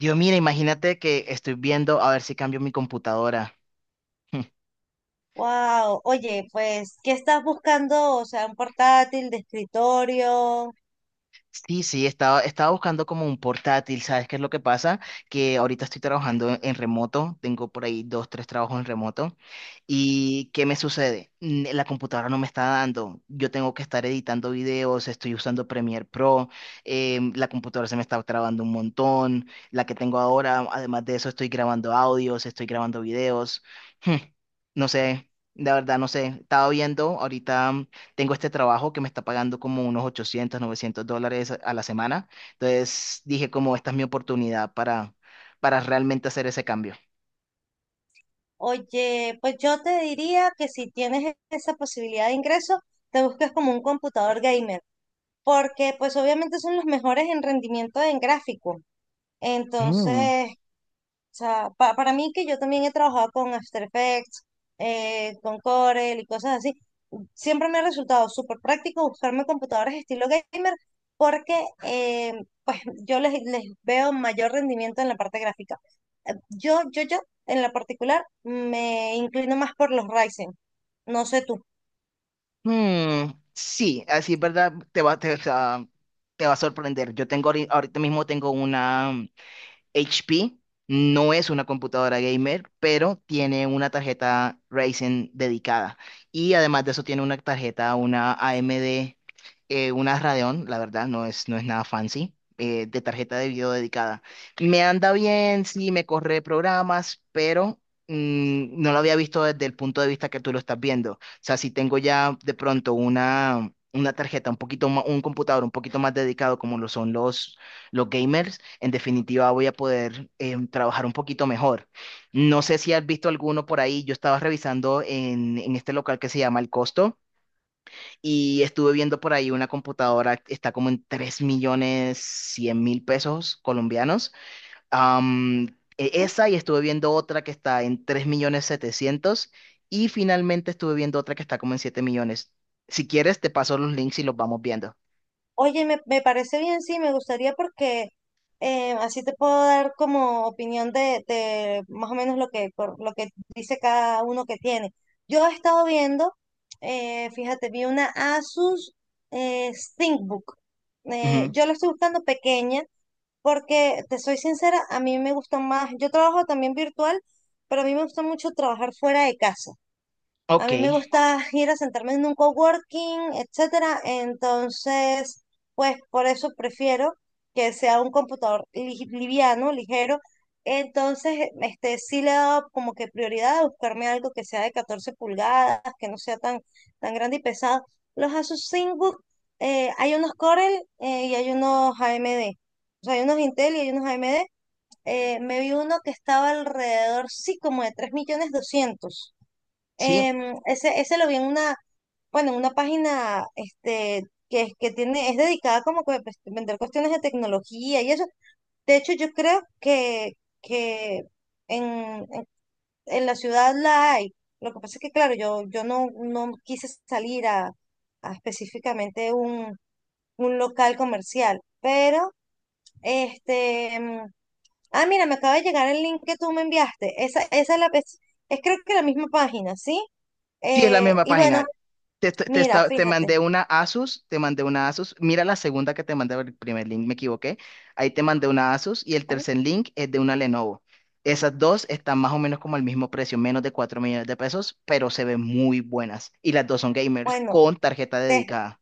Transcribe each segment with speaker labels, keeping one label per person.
Speaker 1: Dios, mira, imagínate que estoy viendo a ver si cambio mi computadora.
Speaker 2: Wow, oye, pues, ¿qué estás buscando? O sea, un portátil de escritorio.
Speaker 1: Sí, sí, estaba buscando como un portátil, ¿sabes qué es lo que pasa? Que ahorita estoy trabajando en remoto, tengo por ahí dos, tres trabajos en remoto. ¿Y qué me sucede? La computadora no me está dando. Yo tengo que estar editando videos, estoy usando Premiere Pro, la computadora se me está trabando un montón, la que tengo ahora, además de eso estoy grabando audios, estoy grabando videos. Hmm, no sé, la verdad no sé. Estaba viendo ahorita tengo este trabajo que me está pagando como unos 800, $900 a la semana. Entonces dije como esta es mi oportunidad para realmente hacer ese cambio.
Speaker 2: Oye, pues yo te diría que si tienes esa posibilidad de ingreso, te busques como un computador gamer, porque pues obviamente son los mejores en rendimiento en gráfico.
Speaker 1: Mm,
Speaker 2: Entonces, o sea, para mí que yo también he trabajado con After Effects, con Corel y cosas así, siempre me ha resultado súper práctico buscarme computadoras estilo gamer porque eh, pues yo les veo mayor rendimiento en la parte gráfica. Yo, en la particular, me inclino más por los Ryzen. No sé tú.
Speaker 1: mm, sí, así es verdad, te va, te, o sea, te va a sorprender. Yo tengo ahorita mismo tengo una, HP no es una computadora gamer, pero tiene una tarjeta Ryzen dedicada. Y además de eso tiene una tarjeta, una AMD, una Radeon, la verdad, no es nada fancy, de tarjeta de video dedicada. Me anda bien, sí, me corre programas, pero no lo había visto desde el punto de vista que tú lo estás viendo. O sea, si tengo ya de pronto una tarjeta, un poquito más, un computador un poquito más dedicado como lo son los gamers, en definitiva voy a poder trabajar un poquito mejor. No sé si has visto alguno por ahí, yo estaba revisando en este local que se llama El Costo y estuve viendo por ahí una computadora, está como en 3.100.000 pesos colombianos. Am, esa y estuve viendo otra que está en 3 millones 700 y finalmente estuve viendo otra que está como en 7 millones. Si quieres, te paso los links y los vamos viendo.
Speaker 2: Oye, me parece bien, sí, me gustaría porque así te puedo dar como opinión de más o menos lo que dice cada uno que tiene. Yo he estado viendo, fíjate, vi una Asus eh, ThinkBook. Eh,
Speaker 1: Ujú.
Speaker 2: yo la estoy buscando pequeña porque, te soy sincera, a mí me gusta más, yo trabajo también virtual, pero a mí me gusta mucho trabajar fuera de casa. A
Speaker 1: Ok,
Speaker 2: mí me gusta ir a sentarme en un coworking, etcétera. Entonces, pues por eso prefiero que sea un computador liviano, ligero. Entonces, este sí le he dado como que prioridad a buscarme algo que sea de 14 pulgadas, que no sea tan, tan grande y pesado. Los Asus ThinkBook, hay unos Corel y hay unos AMD. O sea, hay unos Intel y hay unos AMD. Me vi uno que estaba alrededor, sí, como de 3.200.000.
Speaker 1: sí.
Speaker 2: Em, ese lo vi en una, bueno, en una página que tiene, es dedicada como que, pues, a pues, vender cuestiones de tecnología y eso. De hecho, yo creo que en, en, en la ciudad la hay. Lo que pasa es que, claro, yo no quise salir a específicamente un local comercial, pero este, em, ah, mira, me acaba de llegar el link que tú me enviaste. Esa es la, es es, creo que la misma página, ¿sí?
Speaker 1: Sí, es la
Speaker 2: Eh,
Speaker 1: misma
Speaker 2: y bueno,
Speaker 1: página. Te, te, te
Speaker 2: mira,
Speaker 1: esta- te
Speaker 2: fíjate.
Speaker 1: mandé una Asus, te mandé una Asus. Mira la segunda que te mandé, el primer link, me equivoqué. Ahí te mandé una Asus y el
Speaker 2: ¿No?
Speaker 1: tercer link es de una Lenovo. Esas dos están más o menos como al mismo precio, menos de 4 millones de pesos, pero se ven muy buenas. Y las dos son gamers
Speaker 2: Bueno,
Speaker 1: con tarjeta
Speaker 2: deja-
Speaker 1: dedicada.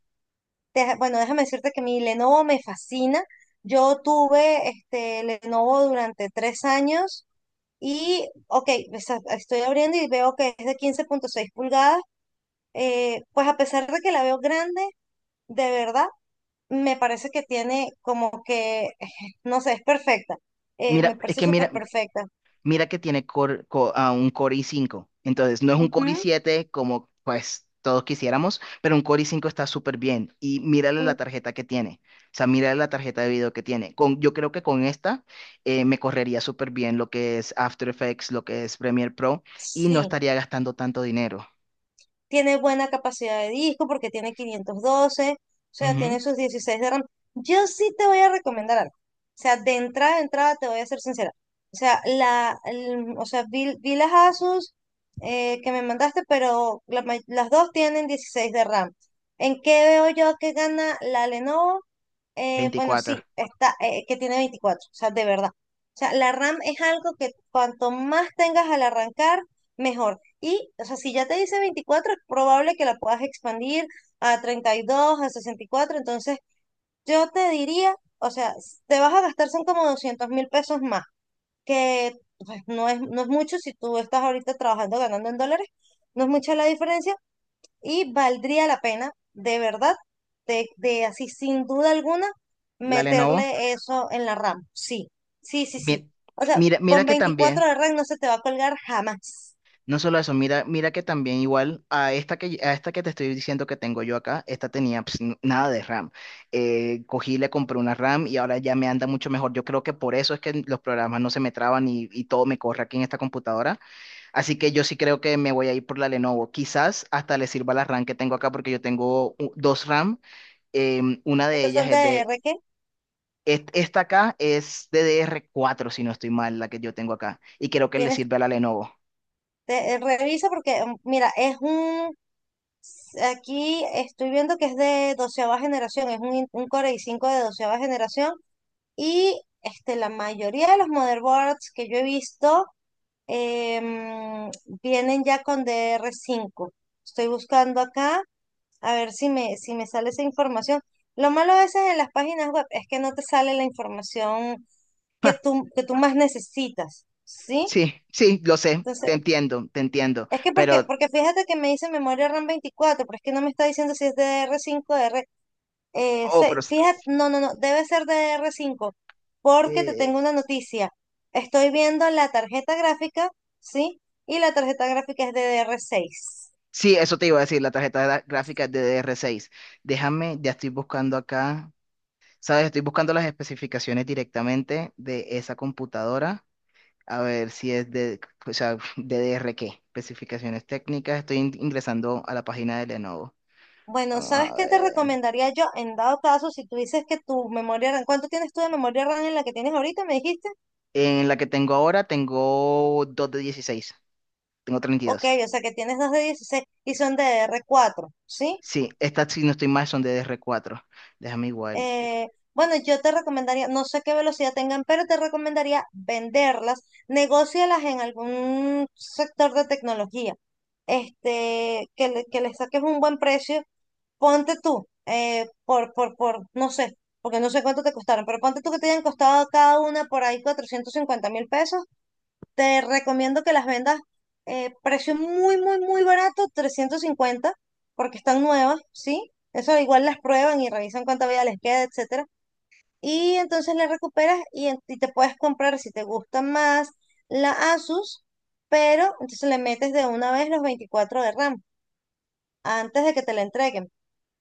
Speaker 2: bueno, déjame decirte que mi Lenovo me fascina. Yo tuve este Lenovo durante 3 años y, ok, estoy abriendo y veo que es de 15,6 pulgadas. Pues a pesar de que la veo grande, de verdad, me parece que tiene como que, no sé, es perfecta. Me
Speaker 1: Mira, es
Speaker 2: parece
Speaker 1: que
Speaker 2: súper
Speaker 1: mira,
Speaker 2: perfecta.
Speaker 1: Mira que tiene un Core i5. Entonces, no es un Core
Speaker 2: Ujú.
Speaker 1: i7 como pues todos quisiéramos, pero un Core i5 está súper bien. Y mírale la
Speaker 2: Mm.
Speaker 1: tarjeta que tiene. O sea, mírale la tarjeta de video que tiene. Con, yo creo que con esta me correría súper bien lo que es After Effects, lo que es Premiere Pro, y no
Speaker 2: Sí.
Speaker 1: estaría gastando tanto dinero.
Speaker 2: Tiene buena capacidad de disco porque tiene 512, o sea,
Speaker 1: Ujú.
Speaker 2: tiene sus 16 de RAM. Yo sí te voy a recomendar algo. O sea, de entrada a entrada te voy a ser sincera. O sea, o sea, vi las Asus que me mandaste, pero las dos tienen 16 de RAM. ¿En qué veo yo que gana la Lenovo? Bueno,
Speaker 1: Veinticuatro.
Speaker 2: sí, está, que tiene 24, o sea, de verdad. O sea, la RAM es algo que cuanto más tengas al arrancar, mejor. Y, o sea, si ya te dice 24 es probable que la puedas expandir a 32, a 64. Entonces, yo te diría, o sea, te vas a gastar son como 200.000 pesos más, que pues, no es mucho si tú estás ahorita trabajando, ganando en dólares. No es mucha la diferencia, y valdría la pena, de verdad, de así sin duda alguna,
Speaker 1: La Lenovo.
Speaker 2: meterle eso en la RAM. Sí, sí, sí, sí.
Speaker 1: mi-
Speaker 2: O sea,
Speaker 1: Mira, mira
Speaker 2: con
Speaker 1: que
Speaker 2: 24 de
Speaker 1: también.
Speaker 2: RAM no se te va a colgar jamás.
Speaker 1: No solo eso, mira, mira que también igual a esta a esta que te estoy diciendo que tengo yo acá, esta tenía nada de RAM. Cogí, le compré una RAM y ahora ya me anda mucho mejor. Yo creo que por eso es que los programas no se me traban y todo me corre aquí en esta computadora. Así que yo sí creo que me voy a ir por la Lenovo. Quizás hasta le sirva la RAM que tengo acá porque yo tengo dos RAM. Una de
Speaker 2: Porque
Speaker 1: ellas
Speaker 2: son
Speaker 1: es
Speaker 2: DDR
Speaker 1: de
Speaker 2: que
Speaker 1: esta acá es DDR4 si no estoy mal, la que yo tengo acá. Y creo que le
Speaker 2: tienes,
Speaker 1: sirve a la Lenovo.
Speaker 2: revisa porque, mira, aquí estoy viendo que es de 12.ª generación, es un Core i5 de 12.ª generación y la mayoría de los motherboards que yo he visto em, vienen ya con DDR5. Estoy buscando acá a ver si me, si me sale esa información. Lo malo a veces en las páginas web es que no te sale la información que tú, que tú más necesitas, ¿sí?
Speaker 1: Sí, sí, lo sé, te
Speaker 2: Entonces,
Speaker 1: entiendo,
Speaker 2: es que porque, porque fíjate que me dice memoria RAM 24, pero es que no me está diciendo si es de r 5, r cinco,
Speaker 1: oh, pero,
Speaker 2: fíjate, no, no, no, debe ser de r cinco porque te
Speaker 1: eh,
Speaker 2: tengo una noticia. Estoy viendo la tarjeta gráfica, ¿sí? Y la tarjeta gráfica es de DDR6.
Speaker 1: sí, eso te iba a decir, la tarjeta gráfica DDR6. Déjame, ya estoy buscando acá, ¿sabes? Estoy buscando las especificaciones directamente de esa computadora, a ver si es DDR qué, especificaciones técnicas, estoy ingresando a la página de Lenovo.
Speaker 2: Bueno,
Speaker 1: Vamos
Speaker 2: ¿sabes
Speaker 1: a
Speaker 2: qué te
Speaker 1: ver.
Speaker 2: recomendaría yo en dado caso si tú dices que tu memoria RAM? ¿Cuánto tienes tú de memoria RAM en la que tienes ahorita? ¿Me dijiste?
Speaker 1: En la que tengo ahora, tengo 2 de 16, tengo
Speaker 2: Ok,
Speaker 1: 32.
Speaker 2: o sea que tienes dos de 16 y son de DDR4, ¿sí?
Speaker 1: Sí, estas, si no estoy mal, son de DR4. Déjame igual.
Speaker 2: Eh, bueno, yo te recomendaría, no sé qué velocidad tengan, pero te recomendaría venderlas, negócialas en algún sector de tecnología, que les saques un buen precio, ponte tú, no sé, porque no sé cuánto te costaron, pero ponte tú que te hayan costado cada una por ahí 450.000 pesos, te recomiendo que las vendas, precio muy, muy, muy barato, 350 porque están nuevas, ¿sí? Eso igual las prueban y revisan cuánta vida les queda, etcétera, y entonces la recuperas y, y te puedes comprar, si te gusta más, la Asus, pero entonces le metes de una vez los 24 de RAM antes de que te la entreguen,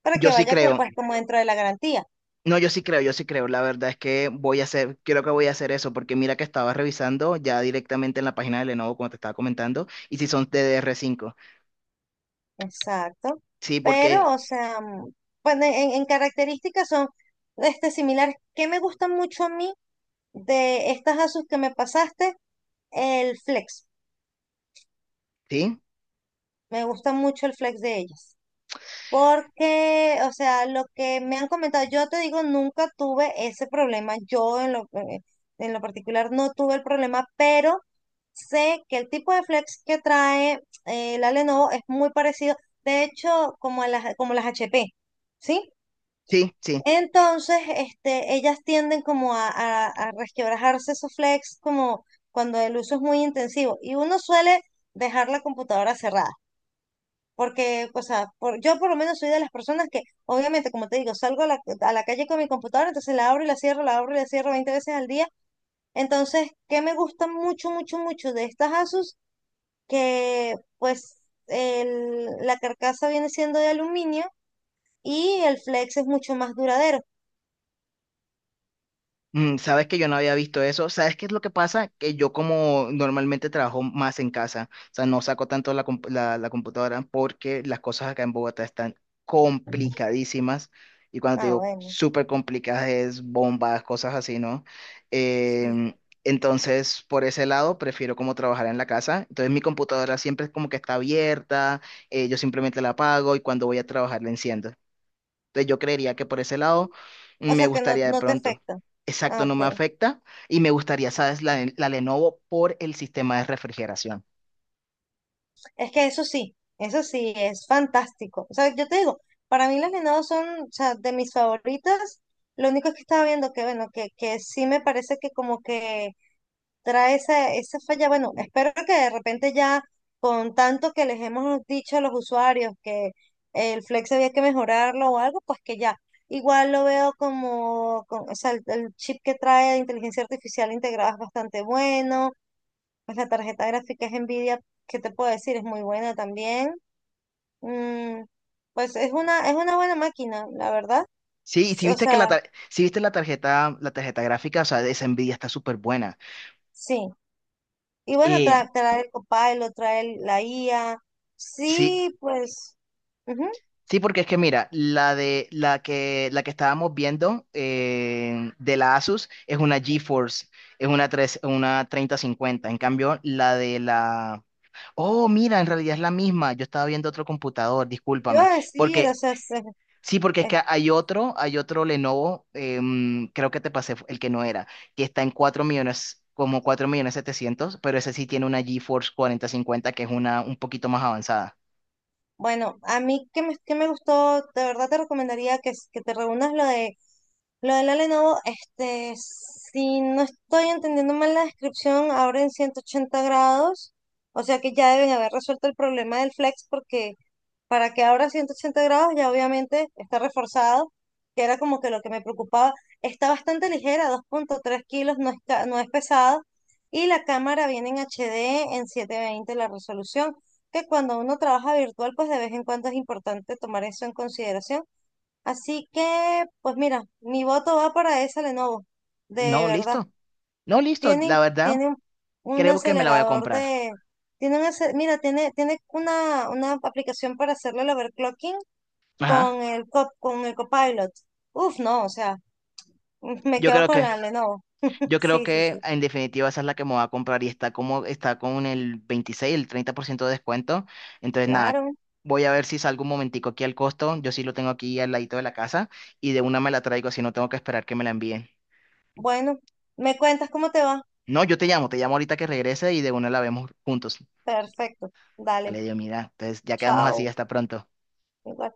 Speaker 2: para
Speaker 1: Yo
Speaker 2: que
Speaker 1: sí
Speaker 2: vaya
Speaker 1: creo.
Speaker 2: pues como dentro de la garantía.
Speaker 1: No, yo sí creo, yo sí creo. La verdad es que voy a hacer, creo que voy a hacer eso, porque mira que estaba revisando ya directamente en la página de Lenovo, como te estaba comentando, y si son de DR5.
Speaker 2: Exacto.
Speaker 1: Sí,
Speaker 2: Pero,
Speaker 1: porque,
Speaker 2: o sea, bueno, en características son similares. ¿Qué me gusta mucho a mí de estas Asus que me pasaste? El Flex.
Speaker 1: sí,
Speaker 2: Me gusta mucho el Flex de ellas. Porque, o sea, lo que me han comentado, yo te digo, nunca tuve ese problema. Yo en lo particular no tuve el problema, pero sé que el tipo de flex que trae la Lenovo es muy parecido, de hecho, como a las HP, ¿sí?
Speaker 1: sí, sí.
Speaker 2: Entonces, ellas tienden como a resquebrajarse esos flex como cuando el uso es muy intensivo y uno suele dejar la computadora cerrada. Porque, o sea, yo por lo menos soy de las personas que, obviamente, como te digo, salgo a la calle con mi computadora, entonces la abro y la cierro, la abro y la cierro 20 veces al día. Entonces, ¿qué me gusta mucho, mucho, mucho de estas Asus? Que, pues, la carcasa viene siendo de aluminio y el flex es mucho más duradero.
Speaker 1: Mm, sabes que yo no había visto eso. ¿Sabes qué es lo que pasa? Que yo como normalmente trabajo más en casa, o sea, no saco tanto la computadora porque las cosas acá en Bogotá están complicadísimas. Y cuando te
Speaker 2: Ah,
Speaker 1: digo
Speaker 2: bueno.
Speaker 1: súper complicadas es bombas, cosas así, ¿no?
Speaker 2: Sí.
Speaker 1: Em, entonces, por ese lado, prefiero como trabajar en la casa. Entonces, mi computadora siempre es como que está abierta, yo simplemente la apago y cuando voy a trabajar la enciendo. Entonces yo creería que por ese lado
Speaker 2: O
Speaker 1: me
Speaker 2: sea, que no,
Speaker 1: gustaría de
Speaker 2: no te
Speaker 1: pronto.
Speaker 2: afecta. Ah,
Speaker 1: Exacto, no me
Speaker 2: ok.
Speaker 1: afecta y me gustaría, ¿sabes? La Lenovo por el sistema de refrigeración.
Speaker 2: Es que eso sí, es fantástico. O sea, yo te digo, para mí las venados son, o sea, de mis favoritas. Lo único es que estaba viendo que, bueno, que sí me parece que como que trae esa falla. Bueno, espero que de repente ya con tanto que les hemos dicho a los usuarios que el Flex había que mejorarlo o algo, pues que ya. Igual lo veo como, o sea, el chip que trae de inteligencia artificial integrada es bastante bueno, pues la tarjeta gráfica es Nvidia, ¿qué te puedo decir? Es muy buena también. Mm, pues es una buena máquina, la verdad.
Speaker 1: Sí, y si
Speaker 2: O
Speaker 1: viste
Speaker 2: sea,
Speaker 1: sí viste la tarjeta gráfica, o sea, esa Nvidia está súper buena.
Speaker 2: sí. Y bueno,
Speaker 1: Eh,
Speaker 2: trae, el Copilot, trae la IA.
Speaker 1: sí,
Speaker 2: Sí, pues, ujú.
Speaker 1: sí, porque es que mira, la que la que estábamos viendo de la Asus es una GeForce, una treinta cincuenta. En cambio, la de la... Oh, mira, en realidad es la misma. Yo estaba viendo otro computador,
Speaker 2: Te iba
Speaker 1: discúlpame.
Speaker 2: a decir, o
Speaker 1: Porque,
Speaker 2: sea,
Speaker 1: sí, porque es que hay otro Lenovo, creo que te pasé el que no era, que está en 4 millones, como 4 millones 700, pero ese sí tiene una GeForce cuarenta cincuenta, que es una un poquito más avanzada.
Speaker 2: bueno, a mí que que me gustó, de verdad te recomendaría que, que te reúnas lo de la Lenovo. Si no estoy entendiendo mal la descripción, abre en 180 grados. O sea que ya deben haber resuelto el problema del flex porque para que ahora 180 grados, ya obviamente está reforzado, que era como que lo que me preocupaba. Está bastante ligera, 2,3 kilos, no es pesada. Y la cámara viene en HD en 720 la resolución, que cuando uno trabaja virtual, pues de vez en cuando es importante tomar eso en consideración. Así que, pues mira, mi voto va para esa Lenovo, de
Speaker 1: No,
Speaker 2: verdad.
Speaker 1: listo. No, listo.
Speaker 2: Tienen,
Speaker 1: La verdad,
Speaker 2: tiene un
Speaker 1: creo que me la voy a
Speaker 2: acelerador
Speaker 1: comprar.
Speaker 2: de, mira, tiene una aplicación para hacerle el overclocking
Speaker 1: Ajá.
Speaker 2: con con el Copilot. Uf, no, o sea, me
Speaker 1: Yo
Speaker 2: quedo
Speaker 1: creo
Speaker 2: con
Speaker 1: que.
Speaker 2: la Lenovo.
Speaker 1: Yo creo
Speaker 2: Sí, sí,
Speaker 1: que
Speaker 2: sí,
Speaker 1: en definitiva esa es la que me va a comprar y está como está con el 26, el 30% de descuento. Entonces nada,
Speaker 2: claro.
Speaker 1: voy a ver si salgo un momentico aquí al costo. Yo sí lo tengo aquí al ladito de la casa y de una me la traigo, así no tengo que esperar que me la envíen.
Speaker 2: Bueno, me cuentas cómo te va.
Speaker 1: No, yo te llamo ahorita que regrese y de una la vemos juntos.
Speaker 2: Perfecto. Dale,
Speaker 1: Vale, Dios, mira. Entonces ya quedamos así,
Speaker 2: chao.
Speaker 1: hasta pronto.
Speaker 2: Igual.